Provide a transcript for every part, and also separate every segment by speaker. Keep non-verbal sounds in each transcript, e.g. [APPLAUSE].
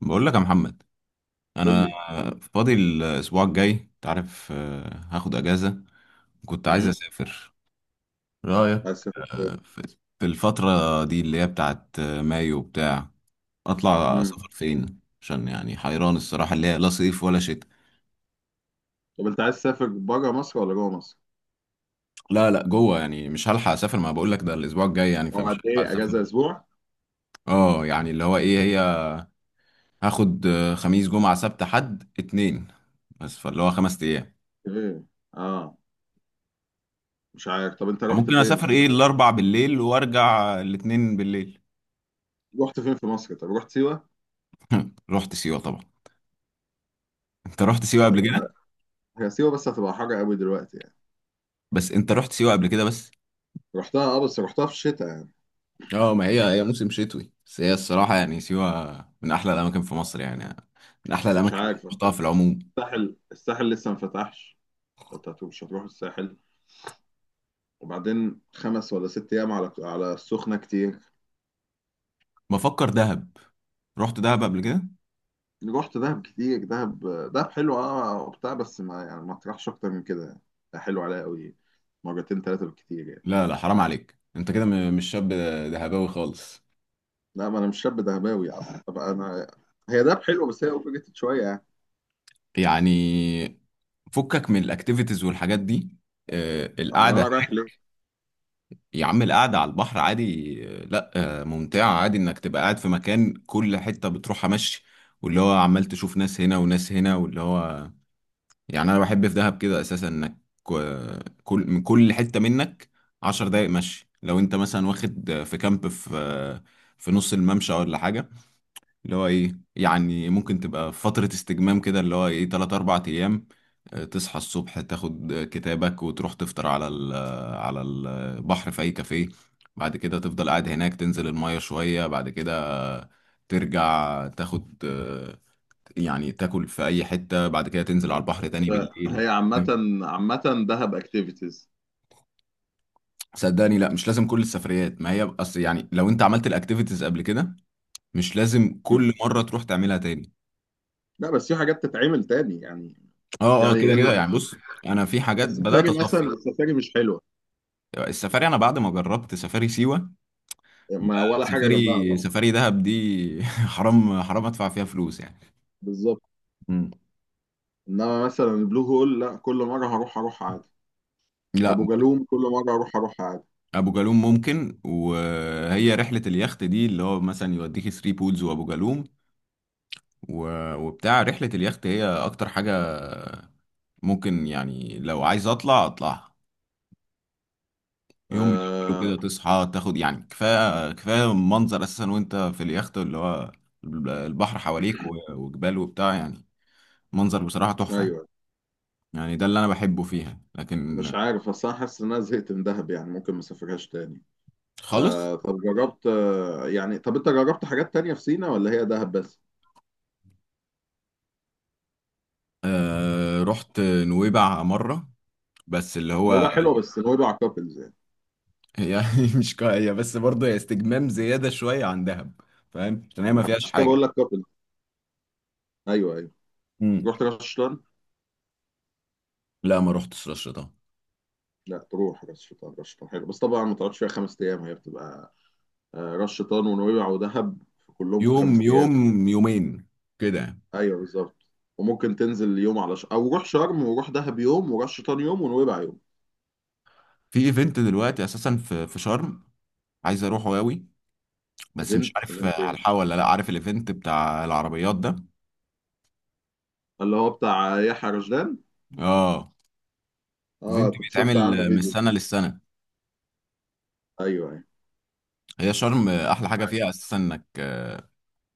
Speaker 1: بقول لك يا محمد،
Speaker 2: قول
Speaker 1: انا
Speaker 2: لي.
Speaker 1: فاضي الاسبوع الجاي، انت عارف، هاخد اجازه. كنت عايز
Speaker 2: امم.
Speaker 1: اسافر، رايك؟
Speaker 2: عايز تسافر فين؟
Speaker 1: آه، في في الفتره دي اللي هي بتاعت مايو بتاع. اطلع
Speaker 2: امم
Speaker 1: سفر فين؟ عشان يعني حيران الصراحه، اللي هي لا صيف ولا شتاء.
Speaker 2: طب انت عايز تسافر بره مصر ولا جوه مصر؟
Speaker 1: لا لا جوه، يعني مش هلحق اسافر، ما بقول لك ده الاسبوع الجاي يعني،
Speaker 2: هو
Speaker 1: فمش
Speaker 2: قد
Speaker 1: هلحق
Speaker 2: ايه
Speaker 1: اسافر.
Speaker 2: اجازه، اسبوع؟
Speaker 1: اه، يعني اللي هو ايه هي، هاخد خميس جمعه سبت حد اتنين. بس فاللي هو خمس ايام.
Speaker 2: ايه، اه. مش عارف، طب انت رحت
Speaker 1: ممكن
Speaker 2: فين
Speaker 1: اسافر
Speaker 2: في
Speaker 1: ايه،
Speaker 2: مصر؟
Speaker 1: الاربع بالليل وارجع الاتنين بالليل.
Speaker 2: رحت فين في مصر؟ طب رحت سيوه؟
Speaker 1: [LAUGHS] رحت سيوه طبعا. انت رحت سيوه قبل
Speaker 2: طيب، ه-
Speaker 1: كده؟
Speaker 2: هي سيوه بس هتبقى حر قوي دلوقتي يعني.
Speaker 1: بس انت رحت سيوه قبل كده بس.
Speaker 2: رحتها اه، بس رحتها في الشتاء يعني.
Speaker 1: اه، ما هي موسم شتوي، بس هي الصراحه يعني سيوه من احلى الاماكن في مصر يعني. من احلى
Speaker 2: بس مش
Speaker 1: الاماكن اللي
Speaker 2: عارف،
Speaker 1: رحتها في العموم.
Speaker 2: الساحل لسه ما فتحش، مش هتروح الساحل. وبعدين 5 ولا 6 ايام على السخنه كتير.
Speaker 1: بفكر دهب، رحت دهب قبل كده.
Speaker 2: رحت دهب كتير. دهب دهب حلو اه وبتاع بس ما يعني ما تروحش اكتر من كده يعني، حلو عليا قوي. مرتين ثلاثه بالكتير يعني.
Speaker 1: لا لا حرام عليك، انت كده مش شاب دهباوي خالص.
Speaker 2: لا، ما انا مش شاب دهباوي يعني، طبعا انا. هي دهب حلوه بس هي اوفر شويه يعني.
Speaker 1: يعني فكك من الاكتيفيتيز والحاجات دي،
Speaker 2: امال
Speaker 1: القعده.
Speaker 2: انا رايح ليه؟
Speaker 1: يا عم، القعدة على البحر عادي، لا ممتعة عادي، انك تبقى قاعد في مكان كل حتة بتروحها مشي. واللي هو عمال تشوف ناس هنا وناس هنا واللي هو، يعني انا بحب في دهب كده اساسا انك كل من كل حتة منك عشر دقايق مشي. لو انت مثلا واخد في كامب في في نص الممشى ولا حاجة. اللي هو ايه يعني، ممكن تبقى في فترة استجمام كده اللي هو ايه تلات أربع أيام. تصحى الصبح، تاخد كتابك وتروح تفطر على ال آه، على البحر في أي كافيه. بعد كده تفضل قاعد هناك، تنزل المية شوية. بعد كده ترجع تاخد يعني تاكل في أي حتة، بعد كده تنزل على البحر تاني
Speaker 2: بس هي
Speaker 1: بالليل.
Speaker 2: عامه، عامه دهب اكتيفيتيز.
Speaker 1: صدقني لا، مش لازم كل السفريات، ما هي اصل يعني لو انت عملت الاكتيفيتيز قبل كده مش لازم كل مرة تروح تعملها تاني.
Speaker 2: لا بس في حاجات تتعمل تاني يعني.
Speaker 1: اه اه،
Speaker 2: يعني
Speaker 1: كده كده يعني، بص، انا في حاجات بدأت
Speaker 2: السفاري مثلا،
Speaker 1: اصفي.
Speaker 2: السفاري مش حلوه،
Speaker 1: السفاري، انا بعد ما جربت سفاري سيوه،
Speaker 2: ما ولا حاجه جنبها
Speaker 1: سفاري
Speaker 2: طبعا.
Speaker 1: سفاري دهب دي [LAUGHS] حرام حرام ادفع فيها فلوس يعني.
Speaker 2: بالظبط.
Speaker 1: مم.
Speaker 2: انما مثلا البلو هول، لا كل مره هروح اروح عادي.
Speaker 1: لا
Speaker 2: ابو
Speaker 1: برضه.
Speaker 2: جالوم كل مره اروح اروح عادي.
Speaker 1: ابو جالوم ممكن، وهي رحله اليخت دي اللي هو مثلا يوديك ثري بولز وابو جالوم وبتاع، رحله اليخت هي اكتر حاجه. ممكن يعني لو عايز اطلع اطلعها. يوم من اوله
Speaker 2: آه.
Speaker 1: كده تصحى، تاخد يعني كفايه كفايه منظر اساسا وانت في اليخت اللي هو البحر حواليك وجبال وبتاع يعني، منظر بصراحه تحفه يعني.
Speaker 2: ايوه.
Speaker 1: يعني ده اللي انا بحبه فيها، لكن.
Speaker 2: مش عارف بس انا حاسس ان انا زهقت من دهب يعني، ممكن ما اسافرهاش تاني.
Speaker 1: خالص.
Speaker 2: طب انت جربت حاجات تانية في سينا ولا هي دهب بس؟
Speaker 1: آه رحت نويبع مرة، بس اللي
Speaker 2: نوبة
Speaker 1: هو
Speaker 2: حلوة، بس نوبة كابلز يعني.
Speaker 1: هي، [LAUGHS] مش كا- هي بس برضه هي استجمام زيادة شوية عن دهب، فاهم؟ عشان هي ما
Speaker 2: ما
Speaker 1: فيهاش
Speaker 2: عشان كده
Speaker 1: حاجة.
Speaker 2: بقول لك كابلز. ايوه ايوه.
Speaker 1: مم.
Speaker 2: رحت راس شيطان.
Speaker 1: لا ما رحتش رشة ده.
Speaker 2: لا تروح راس شيطان، راس شيطان حلو بس طبعا ما تقعدش فيها 5 ايام، هي بتبقى راس شيطان ونويبع ودهب كلهم في
Speaker 1: يوم
Speaker 2: 5 ايام.
Speaker 1: يوم يومين كده يعني.
Speaker 2: ايوه بالظبط. وممكن تنزل يوم على او روح شرم وروح دهب يوم وراس شيطان يوم ونويبع يوم.
Speaker 1: في ايفنت دلوقتي اساسا في شرم، عايز اروحه قوي، بس مش
Speaker 2: ايفنت
Speaker 1: عارف
Speaker 2: ايفنت
Speaker 1: هلحقه ولا لا، عارف الايفنت بتاع العربيات ده.
Speaker 2: اللي هو بتاع يحيى رشدان.
Speaker 1: اه،
Speaker 2: اه
Speaker 1: ايفنت
Speaker 2: كنت شفت عنه
Speaker 1: بيتعمل من
Speaker 2: فيديو.
Speaker 1: السنة للسنة.
Speaker 2: ايوه ايوه.
Speaker 1: هي شرم احلى حاجة
Speaker 2: عارف.
Speaker 1: فيها اساسا انك،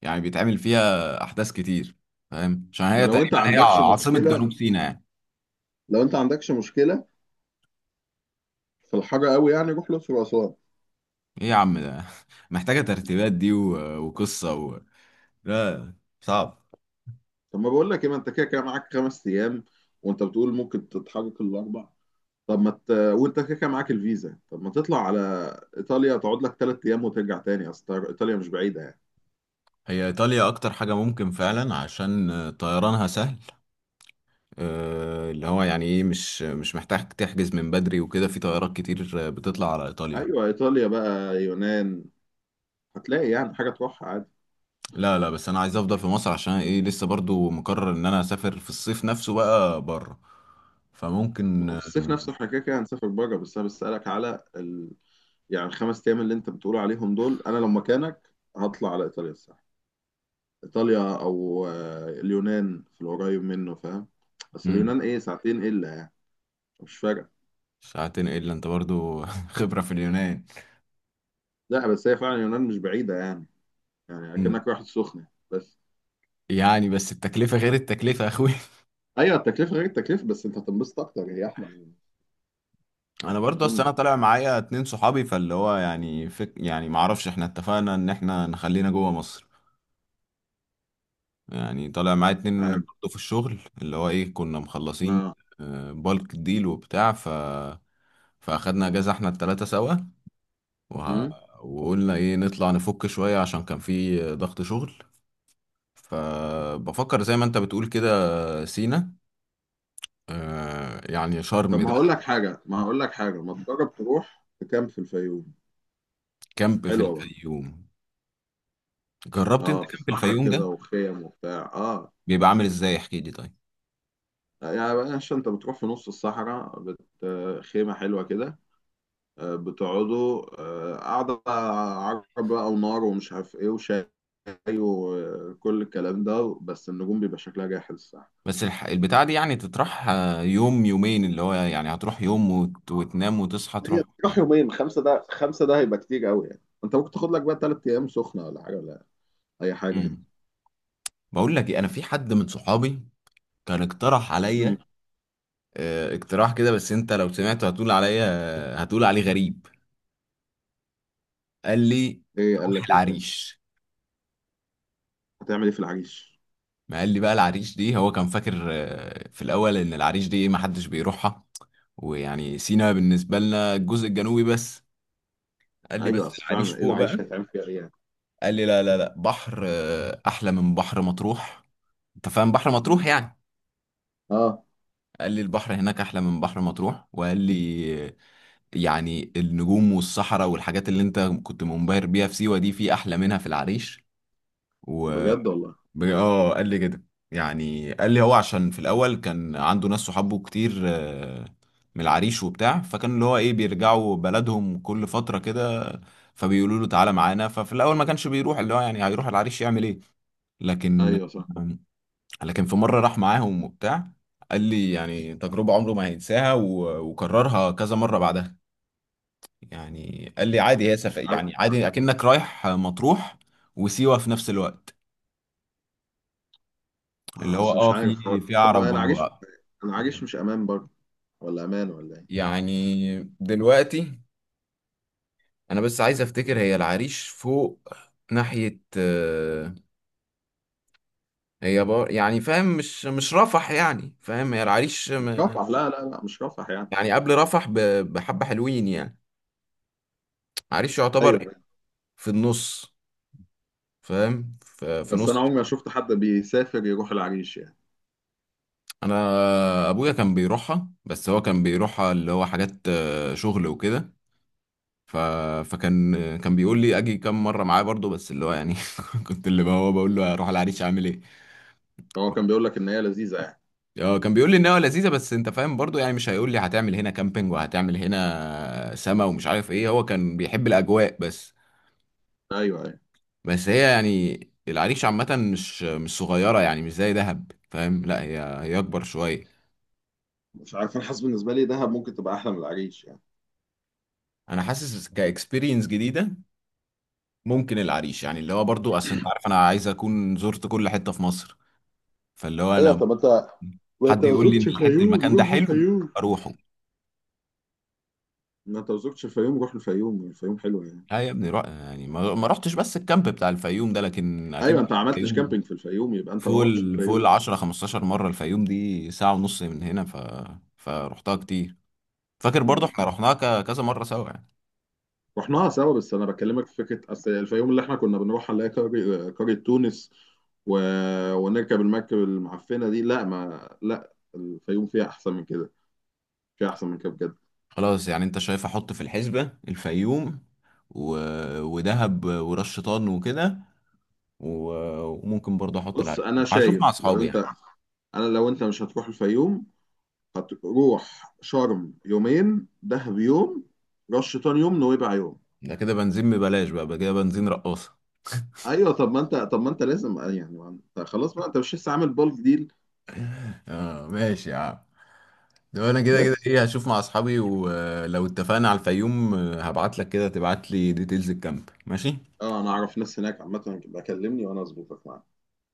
Speaker 1: يعني بيتعمل فيها أحداث كتير. فاهم؟ عشان
Speaker 2: ما
Speaker 1: هي تقريبا هي عاصمة جنوب سيناء يعني.
Speaker 2: لو انت عندكش مشكله في الحر قوي يعني، روح الاقصر واسوان.
Speaker 1: إيه يا عم؟ ده [LAUGHS] محتاجة ترتيبات دي وقصة لا، صعب.
Speaker 2: طب ما بقول لك ايه، ما انت كده كده معاك 5 ايام وانت بتقول ممكن تتحرك الاربع. طب ما ت... وانت كده كده معاك الفيزا، طب ما تطلع على ايطاليا تقعد لك 3 ايام وترجع تاني، اصل ايطاليا مش بعيده يعني.
Speaker 1: هي إيطاليا أكتر حاجة ممكن فعلا، عشان طيرانها سهل. اللي هو يعني إيه، مش محتاج تحجز من بدري وكده، في طيارات كتير بتطلع على إيطاليا.
Speaker 2: ايوه ايطاليا بقى، يونان، هتلاقي يعني حاجه تروحها عادي.
Speaker 1: لا لا، بس أنا عايز أفضل في مصر، عشان إيه؟ لسه برضو مقرر إن أنا أسافر في الصيف نفسه بقى بره،
Speaker 2: ما
Speaker 1: فممكن.
Speaker 2: هو في الصيف نفسه احنا كده كده هنسافر بره، بس انا بسألك على يعني الخمس ايام اللي انت بتقول عليهم دول، انا لو مكانك هطلع على ايطاليا الساحل، ايطاليا او اليونان في القريب منه، فاهم. بس
Speaker 1: مم.
Speaker 2: اليونان ايه، ساعتين الا يعني، مش فارقه.
Speaker 1: ساعتين الا انت برضو؟ [LAUGHS] خبرة في اليونان.
Speaker 2: لا بس هي فعلا اليونان مش بعيده يعني، يعني
Speaker 1: مم.
Speaker 2: اكنك رايح السخنه بس.
Speaker 1: يعني، بس التكلفة غير التكلفة يا اخوي.
Speaker 2: ايوه التكلفه غير التكلفه، بس انت هتنبسط اكتر، هي احلى من.
Speaker 1: [LAUGHS] انا
Speaker 2: يعني
Speaker 1: برضو،
Speaker 2: اظن
Speaker 1: اصل انا
Speaker 2: يعني،
Speaker 1: طالع معايا اتنين صحابي، فاللي هو يعني فك يعني، معرفش، احنا اتفقنا ان احنا نخلينا جوه مصر. يعني طالع معايا
Speaker 2: مش
Speaker 1: اتنين
Speaker 2: عارف.
Speaker 1: برضو في الشغل اللي هو ايه، كنا مخلصين.
Speaker 2: اه.
Speaker 1: بالك ديل وبتاع، فاخدنا اجازة احنا التلاتة سوا وه...
Speaker 2: امم
Speaker 1: وقلنا ايه، نطلع نفك شوية، عشان كان في ضغط شغل. فبفكر زي ما انت بتقول كده سينا، آه يعني
Speaker 2: طب
Speaker 1: شرم
Speaker 2: ما
Speaker 1: ده.
Speaker 2: هقول لك حاجه، ما هقول لك حاجه، ما تجرب تروح تكامب في الفيوم.
Speaker 1: كامب في
Speaker 2: حلوه برضه.
Speaker 1: الفيوم؟ جربت انت
Speaker 2: اه، في
Speaker 1: كامب
Speaker 2: الصحراء
Speaker 1: الفيوم
Speaker 2: كده
Speaker 1: ده؟
Speaker 2: وخيم وبتاع اه.
Speaker 1: بيبقى عامل ازاي؟ احكي لي طيب.
Speaker 2: يعني بلاش، انت بتروح في نص الصحراء خيمة حلوة كده، آه، بتقعدوا قعدة عرب بقى ونار ومش عارف ايه وشاي وكل الكلام ده، بس النجوم بيبقى شكلها جاحظ الصراحة.
Speaker 1: بس البتاع دي يعني تطرح يوم يومين، اللي هو يعني هتروح يوم وتنام وتصحى
Speaker 2: هي
Speaker 1: تروح.
Speaker 2: تروح يومين، خمسة ده، خمسة ده هيبقى كتير قوي يعني، انت ممكن تاخد لك بقى 3 ايام سخنة ولا حاجة ولا اي حاجة يعني.
Speaker 1: مم. بقول لك ايه، انا في حد من صحابي كان اقترح
Speaker 2: مم.
Speaker 1: عليا. آه اقتراح كده، بس انت لو سمعته هتقول عليا، هتقول عليه غريب. قال لي
Speaker 2: ايه قال
Speaker 1: روح
Speaker 2: لك ايه؟ طيب
Speaker 1: العريش.
Speaker 2: هتعمل ايه في العريش؟
Speaker 1: ما قال لي بقى، العريش دي هو كان فاكر في الاول ان العريش دي إيه، ما حدش بيروحها. ويعني سينا بالنسبة لنا الجزء الجنوبي بس. قال لي بس
Speaker 2: ايوه اصل
Speaker 1: العريش
Speaker 2: فعلا ايه
Speaker 1: فوق
Speaker 2: العريش
Speaker 1: بقى.
Speaker 2: هيتعمل فيها ايه يعني.
Speaker 1: قال لي لا لا لا، بحر أحلى من بحر مطروح. أنت فاهم بحر
Speaker 2: مم.
Speaker 1: مطروح يعني؟
Speaker 2: اه.
Speaker 1: قال لي البحر هناك أحلى من بحر مطروح، وقال لي يعني النجوم والصحراء والحاجات اللي أنت كنت منبهر بيها في سيوة دي، في أحلى منها في العريش و...
Speaker 2: بجد والله؟
Speaker 1: اه قال لي كده. يعني قال لي هو عشان في الاول كان عنده ناس صحابه كتير من العريش وبتاع، فكان اللي هو ايه بيرجعوا بلدهم كل فتره كده. فبيقولوا له تعالى معانا، ففي الاول ما كانش بيروح، اللي هو يعني هيروح العريش يعمل ايه؟ لكن،
Speaker 2: ايوه صح.
Speaker 1: آه، لكن في مره راح معاهم وبتاع. قال لي يعني تجربه عمره ما هينساها، وكررها كذا مره بعدها. يعني قال لي عادي هي
Speaker 2: مش عارف.
Speaker 1: يعني عادي اكنك رايح مطروح وسيوه في نفس الوقت. اللي هو،
Speaker 2: اصل مش
Speaker 1: اه،
Speaker 2: عارف
Speaker 1: في
Speaker 2: طب
Speaker 1: عرب.
Speaker 2: والعريش،
Speaker 1: مم.
Speaker 2: العريش مش امان برضه، ولا امان ولا ايه؟
Speaker 1: يعني دلوقتي انا بس عايز افتكر، هي العريش فوق ناحية هي بار يعني، فاهم؟ مش رفح يعني، فاهم؟ هي العريش
Speaker 2: مش رفح، لا لا لا مش رفح يعني.
Speaker 1: يعني قبل رفح بحبة حلوين يعني. عريش يعتبر إيه؟
Speaker 2: ايوه.
Speaker 1: في النص، فاهم؟ في
Speaker 2: بس
Speaker 1: نص.
Speaker 2: انا عمري ما شفت حد بيسافر يروح العريش يعني.
Speaker 1: انا ابويا كان بيروحها، بس هو كان بيروحها اللي هو حاجات شغل وكده. ف... فكان بيقول لي اجي كام مره معاه برضو، بس اللي هو يعني [LAUGHS] كنت اللي هو بقول له اروح العريش اعمل ايه؟
Speaker 2: هو كان بيقول لك ان هي لذيذه يعني؟
Speaker 1: اه كان بيقول لي ان هو لذيذه، بس انت فاهم برضو يعني مش هيقول لي هتعمل هنا كامبينج وهتعمل هنا سما ومش عارف ايه، هو كان بيحب الاجواء بس.
Speaker 2: ايوه ايوه.
Speaker 1: بس هي يعني العريش عامه مش صغيره يعني، مش زي دهب فاهم، لا هي اكبر شويه.
Speaker 2: مش عارف، انا حاسس بالنسبه لي دهب ممكن تبقى احلى من العريش يعني.
Speaker 1: انا حاسس كاكسبيرينس جديده ممكن العريش يعني، اللي هو برضو، اصل انت عارف انا عايز اكون زرت كل حته في مصر، فاللي هو
Speaker 2: ايوه
Speaker 1: لو.
Speaker 2: طب انت، ما انت
Speaker 1: حد
Speaker 2: ما
Speaker 1: يقول لي ان
Speaker 2: زرتش
Speaker 1: الحته،
Speaker 2: الفيوم،
Speaker 1: المكان ده
Speaker 2: روح
Speaker 1: حلو،
Speaker 2: الفيوم.
Speaker 1: اروحه.
Speaker 2: ما انت ما زرتش الفيوم، روح الفيوم، الفيوم حلوه يعني.
Speaker 1: لا يا ابني، روح يعني ما رحتش بس الكامب بتاع الفيوم ده، لكن اكيد
Speaker 2: ايوه انت ما
Speaker 1: رحت
Speaker 2: عملتش
Speaker 1: الفيوم.
Speaker 2: كامبينج في الفيوم يبقى انت
Speaker 1: فوق
Speaker 2: ما رحتش
Speaker 1: ال- فوق ال
Speaker 2: الفيوم.
Speaker 1: 10 15 مره، الفيوم دي ساعه ونص من هنا، فرحتها كتير. فاكر برضه
Speaker 2: مم.
Speaker 1: احنا رحناها كذا مره سوا يعني.
Speaker 2: رحناها سوا بس انا بكلمك في فكره، اصل الفيوم اللي احنا كنا بنروح نلاقي قرية، قرية تونس و... ونركب المركب المعفنه دي، لا ما لا، الفيوم فيها احسن من كده، فيها احسن من كده بجد.
Speaker 1: خلاص يعني، انت شايف احط في الحسبه الفيوم و... ودهب وراس شيطان وكده و... وممكن برضه احط
Speaker 2: بص
Speaker 1: العريش،
Speaker 2: انا
Speaker 1: هشوف مع
Speaker 2: شايف لو
Speaker 1: اصحابي
Speaker 2: انت
Speaker 1: يعني.
Speaker 2: انا لو انت مش هتروح الفيوم، هتروح شرم يومين، دهب يوم، رش شيطان يوم، نويبع يوم.
Speaker 1: ده كده بنزين ببلاش بقى كده، بنزين رقاصه.
Speaker 2: ايوه طب ما انت لازم يعني، ما انت خلاص بقى، انت مش لسه عامل بالك ديل.
Speaker 1: اه ماشي يا عم، ده انا كده كده
Speaker 2: بس
Speaker 1: ايه، هشوف مع اصحابي، ولو اتفقنا على الفيوم هبعت لك، كده تبعت لي ديتيلز الكامب، ماشي؟
Speaker 2: اه انا اعرف ناس هناك عامه، بكلمني وانا اظبطك معاك.